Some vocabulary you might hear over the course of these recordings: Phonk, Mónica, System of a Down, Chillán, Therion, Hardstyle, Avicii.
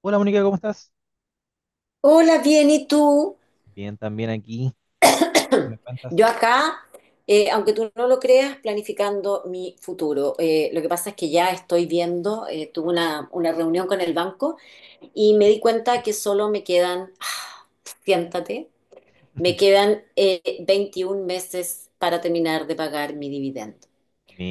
Hola, Mónica, ¿cómo estás? Hola, bien, ¿y tú? Bien, también aquí. ¿Qué me cuentas? Yo acá, aunque tú no lo creas, planificando mi futuro. Lo que pasa es que ya estoy viendo, tuve una reunión con el banco y me di cuenta que solo me quedan, siéntate, me quedan 21 meses para terminar de pagar mi dividendo.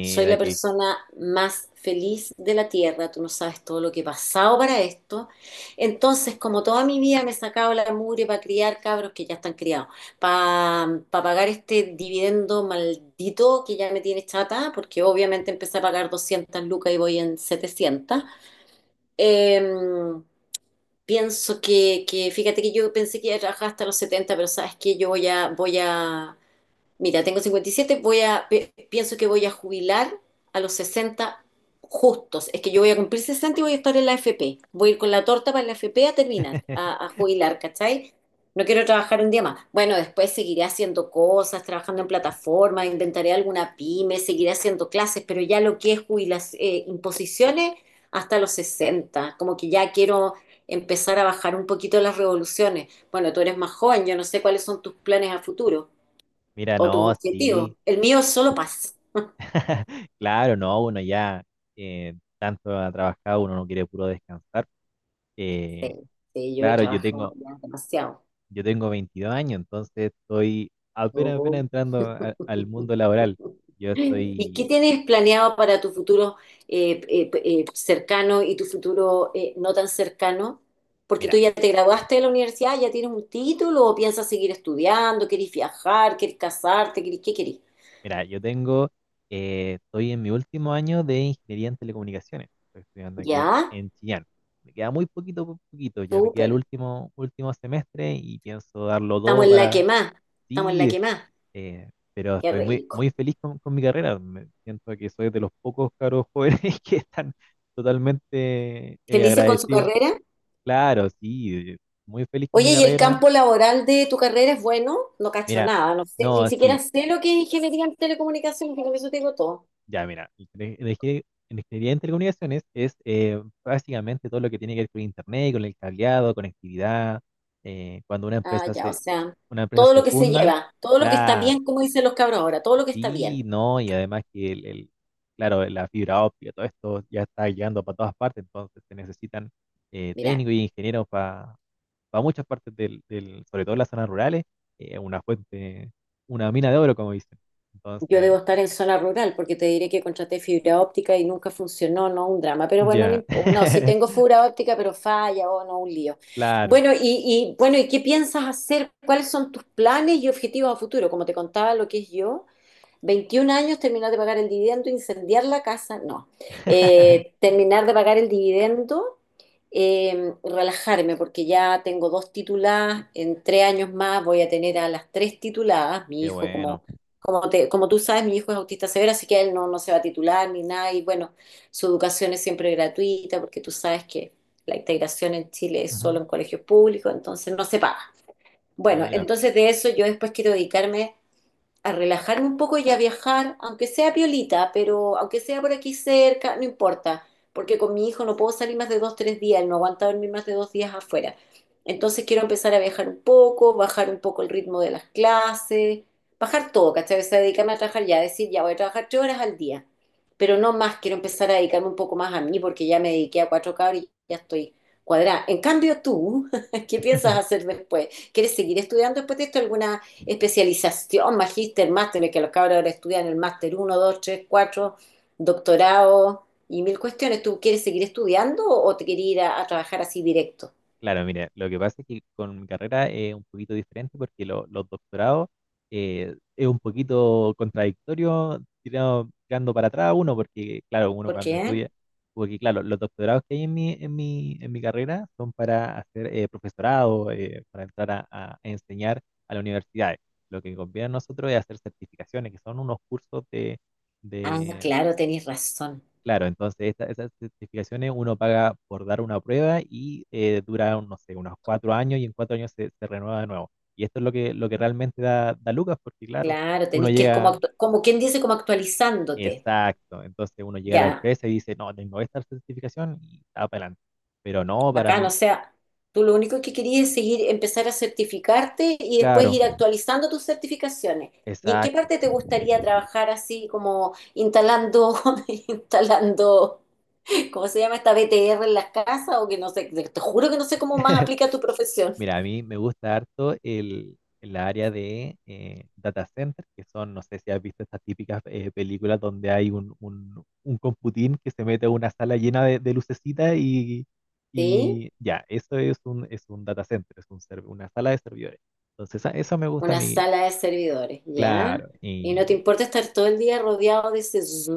Soy la que, persona más feliz de la tierra, tú no sabes todo lo que he pasado para esto. Entonces, como toda mi vida me he sacado la mugre para criar cabros que ya están criados, para pagar este dividendo maldito que ya me tiene chata, porque obviamente empecé a pagar 200 lucas y voy en 700. Em, Pienso que, fíjate que yo pensé que iba a trabajar hasta los 70, pero sabes que yo voy a, voy a Mira, tengo 57, pienso que voy a jubilar a los 60 justos. Es que yo voy a cumplir 60 y voy a estar en la AFP. Voy a ir con la torta para la AFP a terminar, a jubilar, ¿cachai? No quiero trabajar un día más. Bueno, después seguiré haciendo cosas, trabajando en plataformas, inventaré alguna pyme, seguiré haciendo clases, pero ya lo que es jubilación, imposiciones hasta los 60. Como que ya quiero empezar a bajar un poquito las revoluciones. Bueno, tú eres más joven, yo no sé cuáles son tus planes a futuro mira, o tus no, objetivos. sí. El mío es solo paz. Claro, no, uno ya tanto ha trabajado, uno no quiere puro descansar. Eh, Sí, sí, yo he claro, trabajado ya demasiado. yo tengo 22 años, entonces estoy apenas Oh. entrando al mundo laboral. Yo ¿Y qué estoy, tienes planeado para tu futuro cercano y tu futuro no tan cercano? Porque tú mira, ya te graduaste de la universidad, ya tienes un título o piensas seguir estudiando, querés viajar, querés casarte, querés, ¿qué querés? Mira, estoy en mi último año de ingeniería en telecomunicaciones. Estoy estudiando aquí Ya, en Chillán. Me queda muy poquito, poquito, ya me queda el súper. Último semestre y pienso darlo Estamos todo en la para que más, estamos en la sí, que más. Pero Qué estoy rico. muy feliz con mi carrera. Me siento que soy de los pocos caros jóvenes que están totalmente ¿Felices con su agradecidos. carrera? Claro, sí, muy feliz con mi Oye, ¿y el carrera. campo laboral de tu carrera es bueno? No cacho Mira, nada, no sé, ni no, siquiera sí. sé lo que es ingeniería en telecomunicaciones, pero con eso te digo todo. Ya, mira, ingeniería en telecomunicaciones es básicamente todo lo que tiene que ver con internet, con el cableado, conectividad. Cuando Ah, ya, o sea, una empresa todo se lo que se funda, lleva, todo lo que está claro, bien, como dicen los cabros ahora, todo lo que está sí, bien. no, y además claro, la fibra óptica, todo esto ya está llegando para todas partes, entonces se necesitan Mira, técnicos y ingenieros para muchas sobre todo en las zonas rurales, eh, una fuente, una mina de oro, como dicen. yo Entonces, debo estar en zona rural porque te diré que contraté fibra óptica y nunca funcionó, no, un drama. Pero bueno, no, ya. impo- no, sí tengo fibra óptica, pero falla, o no, un lío. Claro. Bueno, y bueno, ¿y qué piensas hacer? ¿Cuáles son tus planes y objetivos a futuro? Como te contaba lo que es yo. 21 años, terminar de pagar el dividendo, incendiar la casa, no. Terminar de pagar el dividendo, relajarme, porque ya tengo dos tituladas, en 3 años más voy a tener a las tres tituladas. Mi Qué hijo, bueno. Como tú sabes, mi hijo es autista severo, así que él no se va a titular ni nada. Y bueno, su educación es siempre gratuita, porque tú sabes que la integración en Chile es Ujú. solo en colegios públicos, entonces no se paga. Bueno, Mira. entonces de eso yo después quiero dedicarme a relajarme un poco y a viajar, aunque sea piolita, pero aunque sea por aquí cerca, no importa, porque con mi hijo no puedo salir más de 2, 3 días, él no aguanta dormir más de 2 días afuera. Entonces quiero empezar a viajar un poco, bajar un poco el ritmo de las clases, bajar todo, ¿cachai? O sea, dedicarme a trabajar ya, decir, ya voy a trabajar 3 horas al día, pero no más, quiero empezar a dedicarme un poco más a mí porque ya me dediqué a cuatro cabros y ya estoy cuadrada. En cambio, tú, ¿qué piensas hacer después? ¿Quieres seguir estudiando después de esto? ¿Alguna especialización, magíster, máster? Que los cabros ahora estudian el máster uno 2 3 4 doctorado y mil cuestiones. ¿Tú quieres seguir estudiando o te quieres ir a trabajar así directo? Claro, mire, lo que pasa es que con mi carrera es un poquito diferente porque los doctorados es un poquito contradictorio tirando para atrás uno, porque claro, uno ¿Por cuando qué? estudia, porque claro, los doctorados que hay en mi carrera son para hacer profesorado, para entrar a enseñar a las universidades. Lo que conviene a nosotros es hacer certificaciones, que son unos cursos de, Ah, claro, tenés razón. Claro, entonces esas certificaciones uno paga por dar una prueba y dura, no sé, unos cuatro años y en cuatro años se, se renueva de nuevo. Y esto es lo que realmente da, da lucas, porque claro, Claro, uno tenés que ir como, llega, actu- como quien dice, como actualizándote. exacto, entonces uno llega a la Ya, empresa y dice, no, tengo esta certificación y está para adelante. Pero no, para bacán, o mí, sea, tú lo único que querías es seguir, empezar a certificarte y después claro, ir actualizando tus certificaciones. ¿Y en qué exacto. parte te gustaría trabajar así como instalando, instalando. ¿Cómo se llama esta BTR en las casas? O que no sé, te juro que no sé cómo más aplica tu profesión. Mira, a mí me gusta harto el área de data center, que son, no sé si has visto estas típicas películas donde hay un computín que se mete a una sala llena de lucecitas ¿Sí? y ya, eso es un data center, es un una sala de servidores. Entonces, eso me gusta a Una mí, sala de servidores, ¿ya? claro, Y no te y importa estar todo el día rodeado de ese zzzz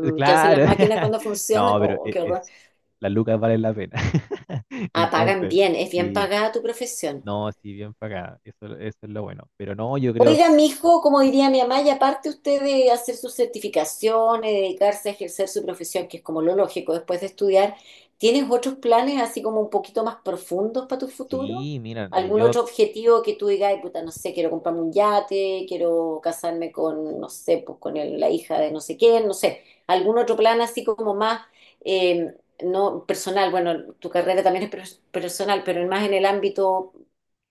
que hacen claro, las máquinas cuando funcionan. no, pero Oh, qué horror. es, las lucas valen la pena. Ah, pagan Entonces, bien, es bien sí, pagada tu profesión. no, sí, bien pagada, eso es lo bueno. Pero no, yo creo... Oiga, mijo, como diría mi mamá, y aparte usted de hacer sus certificaciones, dedicarse a ejercer su profesión, que es como lo lógico después de estudiar, ¿tienes otros planes así como un poquito más profundos para tu futuro? Sí, mira, ¿Algún otro objetivo que tú digas, "Ay, puta, no sé, quiero comprarme un yate, quiero casarme con, no sé, pues con la hija de no sé quién"? No sé, algún otro plan así como más, eh, no personal, bueno, tu carrera también es personal, pero más en el ámbito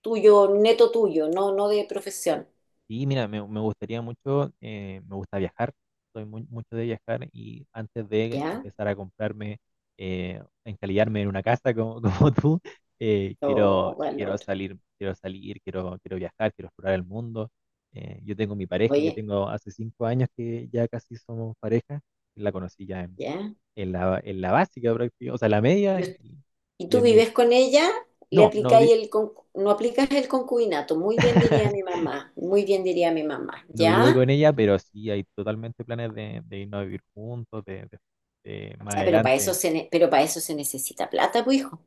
tuyo, neto tuyo, no de profesión. sí, mira, me gustaría mucho, me gusta viajar, soy muy, mucho de viajar y antes de ¿Ya? empezar a comprarme, encalillarme en una casa como, como tú, Oh, quiero valor. salir, quiero salir, quiero viajar, quiero explorar el mundo. Yo tengo mi pareja, yo Oye, tengo hace cinco años que ya casi somos pareja, la conocí ya ¿ya? En la básica prácticamente, o sea, la media Yo- y y tú en mi, vives con ella, le no, no, aplicáis vi- el no aplicas el concubinato. Muy bien diría mi mamá, muy bien diría mi mamá. No vivo ¿Ya? con ella, pero sí hay totalmente planes de irnos a vivir juntos, de más Ya, pero para eso adelante, se necesita plata, pues hijo.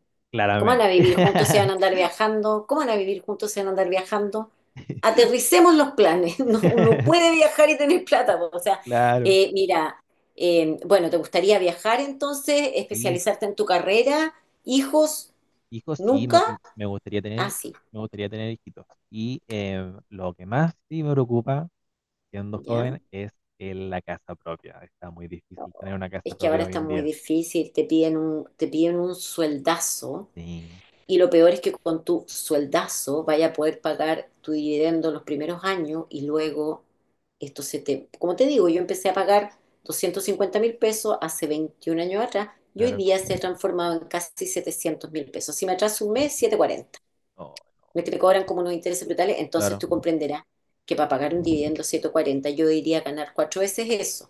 ¿Cómo van claramente. a vivir juntos? ¿Se van a andar viajando? ¿Cómo van a vivir juntos? ¿Se van a andar viajando? Aterricemos los planes. No, uno puede viajar y tener plata, po. O sea, Claro, mira, bueno, ¿te gustaría viajar entonces? sí, ¿Especializarte en tu carrera? ¿Hijos? hijos, sí, me, Nunca me gustaría tener, así, me gustaría tener hijitos. Y lo que más sí me preocupa, siendo ¿ya? joven, es la casa propia. Está muy difícil tener una casa Es que ahora propia hoy está en muy día. difícil, te piden un sueldazo Sí, y lo peor es que con tu sueldazo vaya a poder pagar tu dividendo los primeros años y luego esto se te... Como te digo, yo empecé a pagar 250.000 pesos hace 21 años atrás y hoy claro. día se ha transformado en casi 700.000 pesos. Si me atraso un mes, 740. No, no, Me te este, cobran como unos intereses brutales, entonces claro, tú comprenderás que para pagar un dividendo 140 yo iría a ganar cuatro veces eso.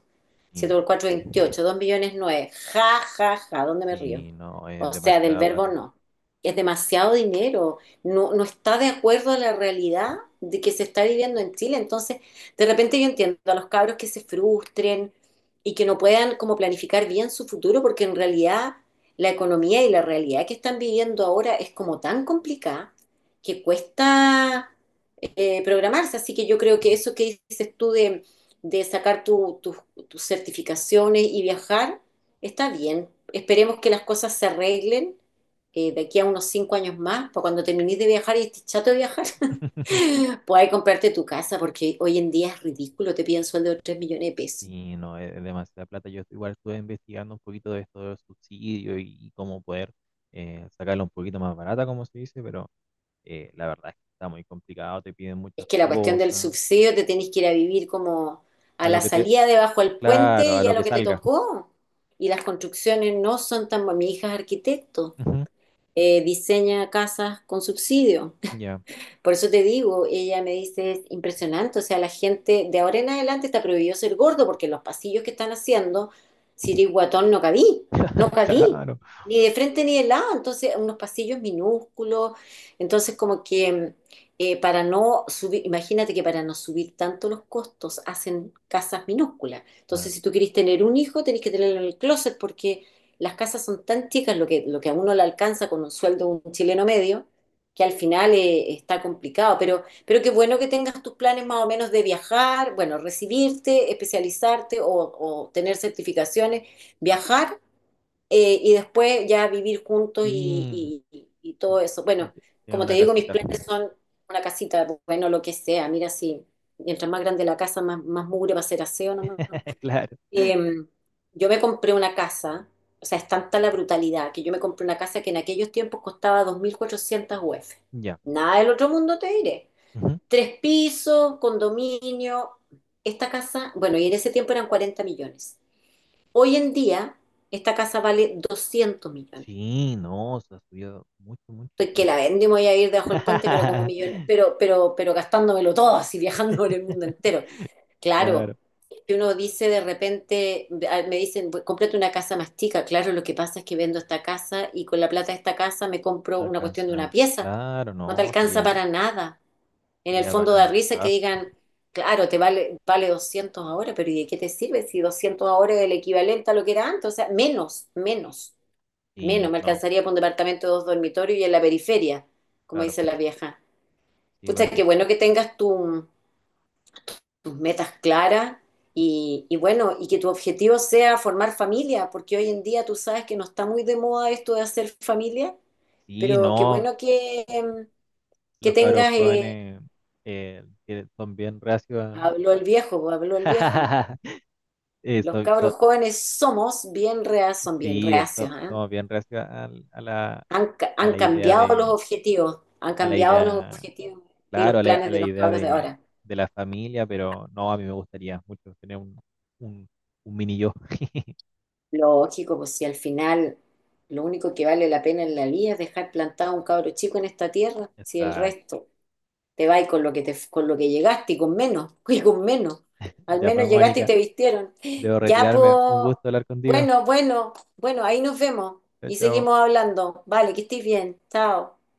7 sí, por 4, 28, 2 millones nueve. Ja, ja, ja, ¿dónde me río? sí, no, es O sea, del demasiada verbo plata. no. Es demasiado dinero. No, no está de acuerdo a la realidad de que se está viviendo en Chile. Entonces, de repente yo entiendo a los cabros que se frustren y que no puedan como planificar bien su futuro, porque en realidad la economía y la realidad que están viviendo ahora es como tan complicada que cuesta programarse. Así que yo creo que eso que dices tú de sacar tus certificaciones y viajar está bien. Esperemos que las cosas se arreglen de aquí a unos 5 años más, para cuando termines de viajar y estés chato de viajar, puedas comprarte tu casa, porque hoy en día es ridículo, te piden sueldo de 3 millones de pesos. Sí, no, es demasiada plata. Yo igual estuve investigando un poquito de esto del subsidio y cómo poder sacarla un poquito más barata, como se dice, pero la verdad es que está muy complicado, te piden Es muchas que la cuestión del cosas, subsidio te tenés que ir a vivir como a a lo la que te, salida debajo del puente claro, a y a lo lo que que te salga. tocó. Y las construcciones no son tan... Mi hija es arquitecto, Ujú, diseña casas con subsidio. Ya, Por eso te digo, ella me dice, es impresionante, o sea, la gente de ahora en adelante está prohibido ser gordo porque los pasillos que están haciendo, si eres guatón no cabí, no cabí, Claro, ni de frente ni de lado, entonces unos pasillos minúsculos, entonces como que para no subir, imagínate que para no subir tanto los costos hacen casas minúsculas, entonces claro. si tú querés tener un hijo tenés que tenerlo en el closet porque las casas son tan chicas, lo que a uno le alcanza con un sueldo de un chileno medio, que al final está complicado, pero qué bueno que tengas tus planes más o menos de viajar, bueno, recibirte, especializarte o tener certificaciones, viajar y después ya vivir juntos Sí, y todo y, eso. y Bueno, te- tiene como te una digo, mis casita. planes son una casita, bueno, lo que sea, mira si mientras más grande la casa, más, más mugre va a ser aseo, ¿no? Claro, Em, yo me compré una casa, o sea, es tanta la brutalidad que yo me compré una casa que en aquellos tiempos costaba 2.400 UF. ya. Nada del otro mundo te diré. Ujú. Tres pisos, condominio. Esta casa, bueno, y en ese tiempo eran 40 millones. Hoy en día, esta casa vale 200 millones. Sí, no, se ha subido mucho, mucho. Estoy que la vende, me voy a ir debajo del puente, pero como millón, pero gastándomelo todo, así viajando por el mundo entero. Claro, Claro, que uno dice de repente, me dicen, Cómprate una casa más chica". Claro, lo que pasa es que vendo esta casa y con la plata de esta casa me compro no una cuestión de una alcanza. pieza. Claro, No te no, alcanza sería para nada. En el sería fondo da para el risa que trabajo. digan, claro, vale 200 ahora, pero ¿y de qué te sirve si 200 ahora es el equivalente a lo que era antes? O sea, menos, menos. Menos, Y me no, alcanzaría para un departamento de dos dormitorios y en la periferia, como claro, dice la vieja. sí, pues. Pucha, qué bueno que tengas tus metas claras y bueno, y que tu objetivo sea formar familia, porque hoy en día tú sabes que no está muy de moda esto de hacer familia, Sí, pero qué no, bueno que, que los cabros tengas, jóvenes que son bien reacios habló a- el viejo, pues, a- habló el viejo. eh, Los so- cabros so- jóvenes son bien sí, reacios, ¿ah? somos bien reacios Han, ca- a han la idea cambiado los de, objetivos, han a la cambiado los idea, objetivos y los claro, planes a de la los idea cabros de ahora. de la familia, pero no, a mí me gustaría mucho tener un, un mini yo. Lógico, pues si al final lo único que vale la pena en la vida es dejar plantado a un cabro chico en esta tierra, si el Está, resto te va y con con lo que llegaste y con menos, y con menos. Al ya pues, menos llegaste y Mónica, te vistieron. debo Ya, pues, retirarme. Un gusto hablar contigo. bueno, bueno, bueno, ahí nos vemos Chao, y chao. seguimos hablando. Vale, que estés bien. Chao.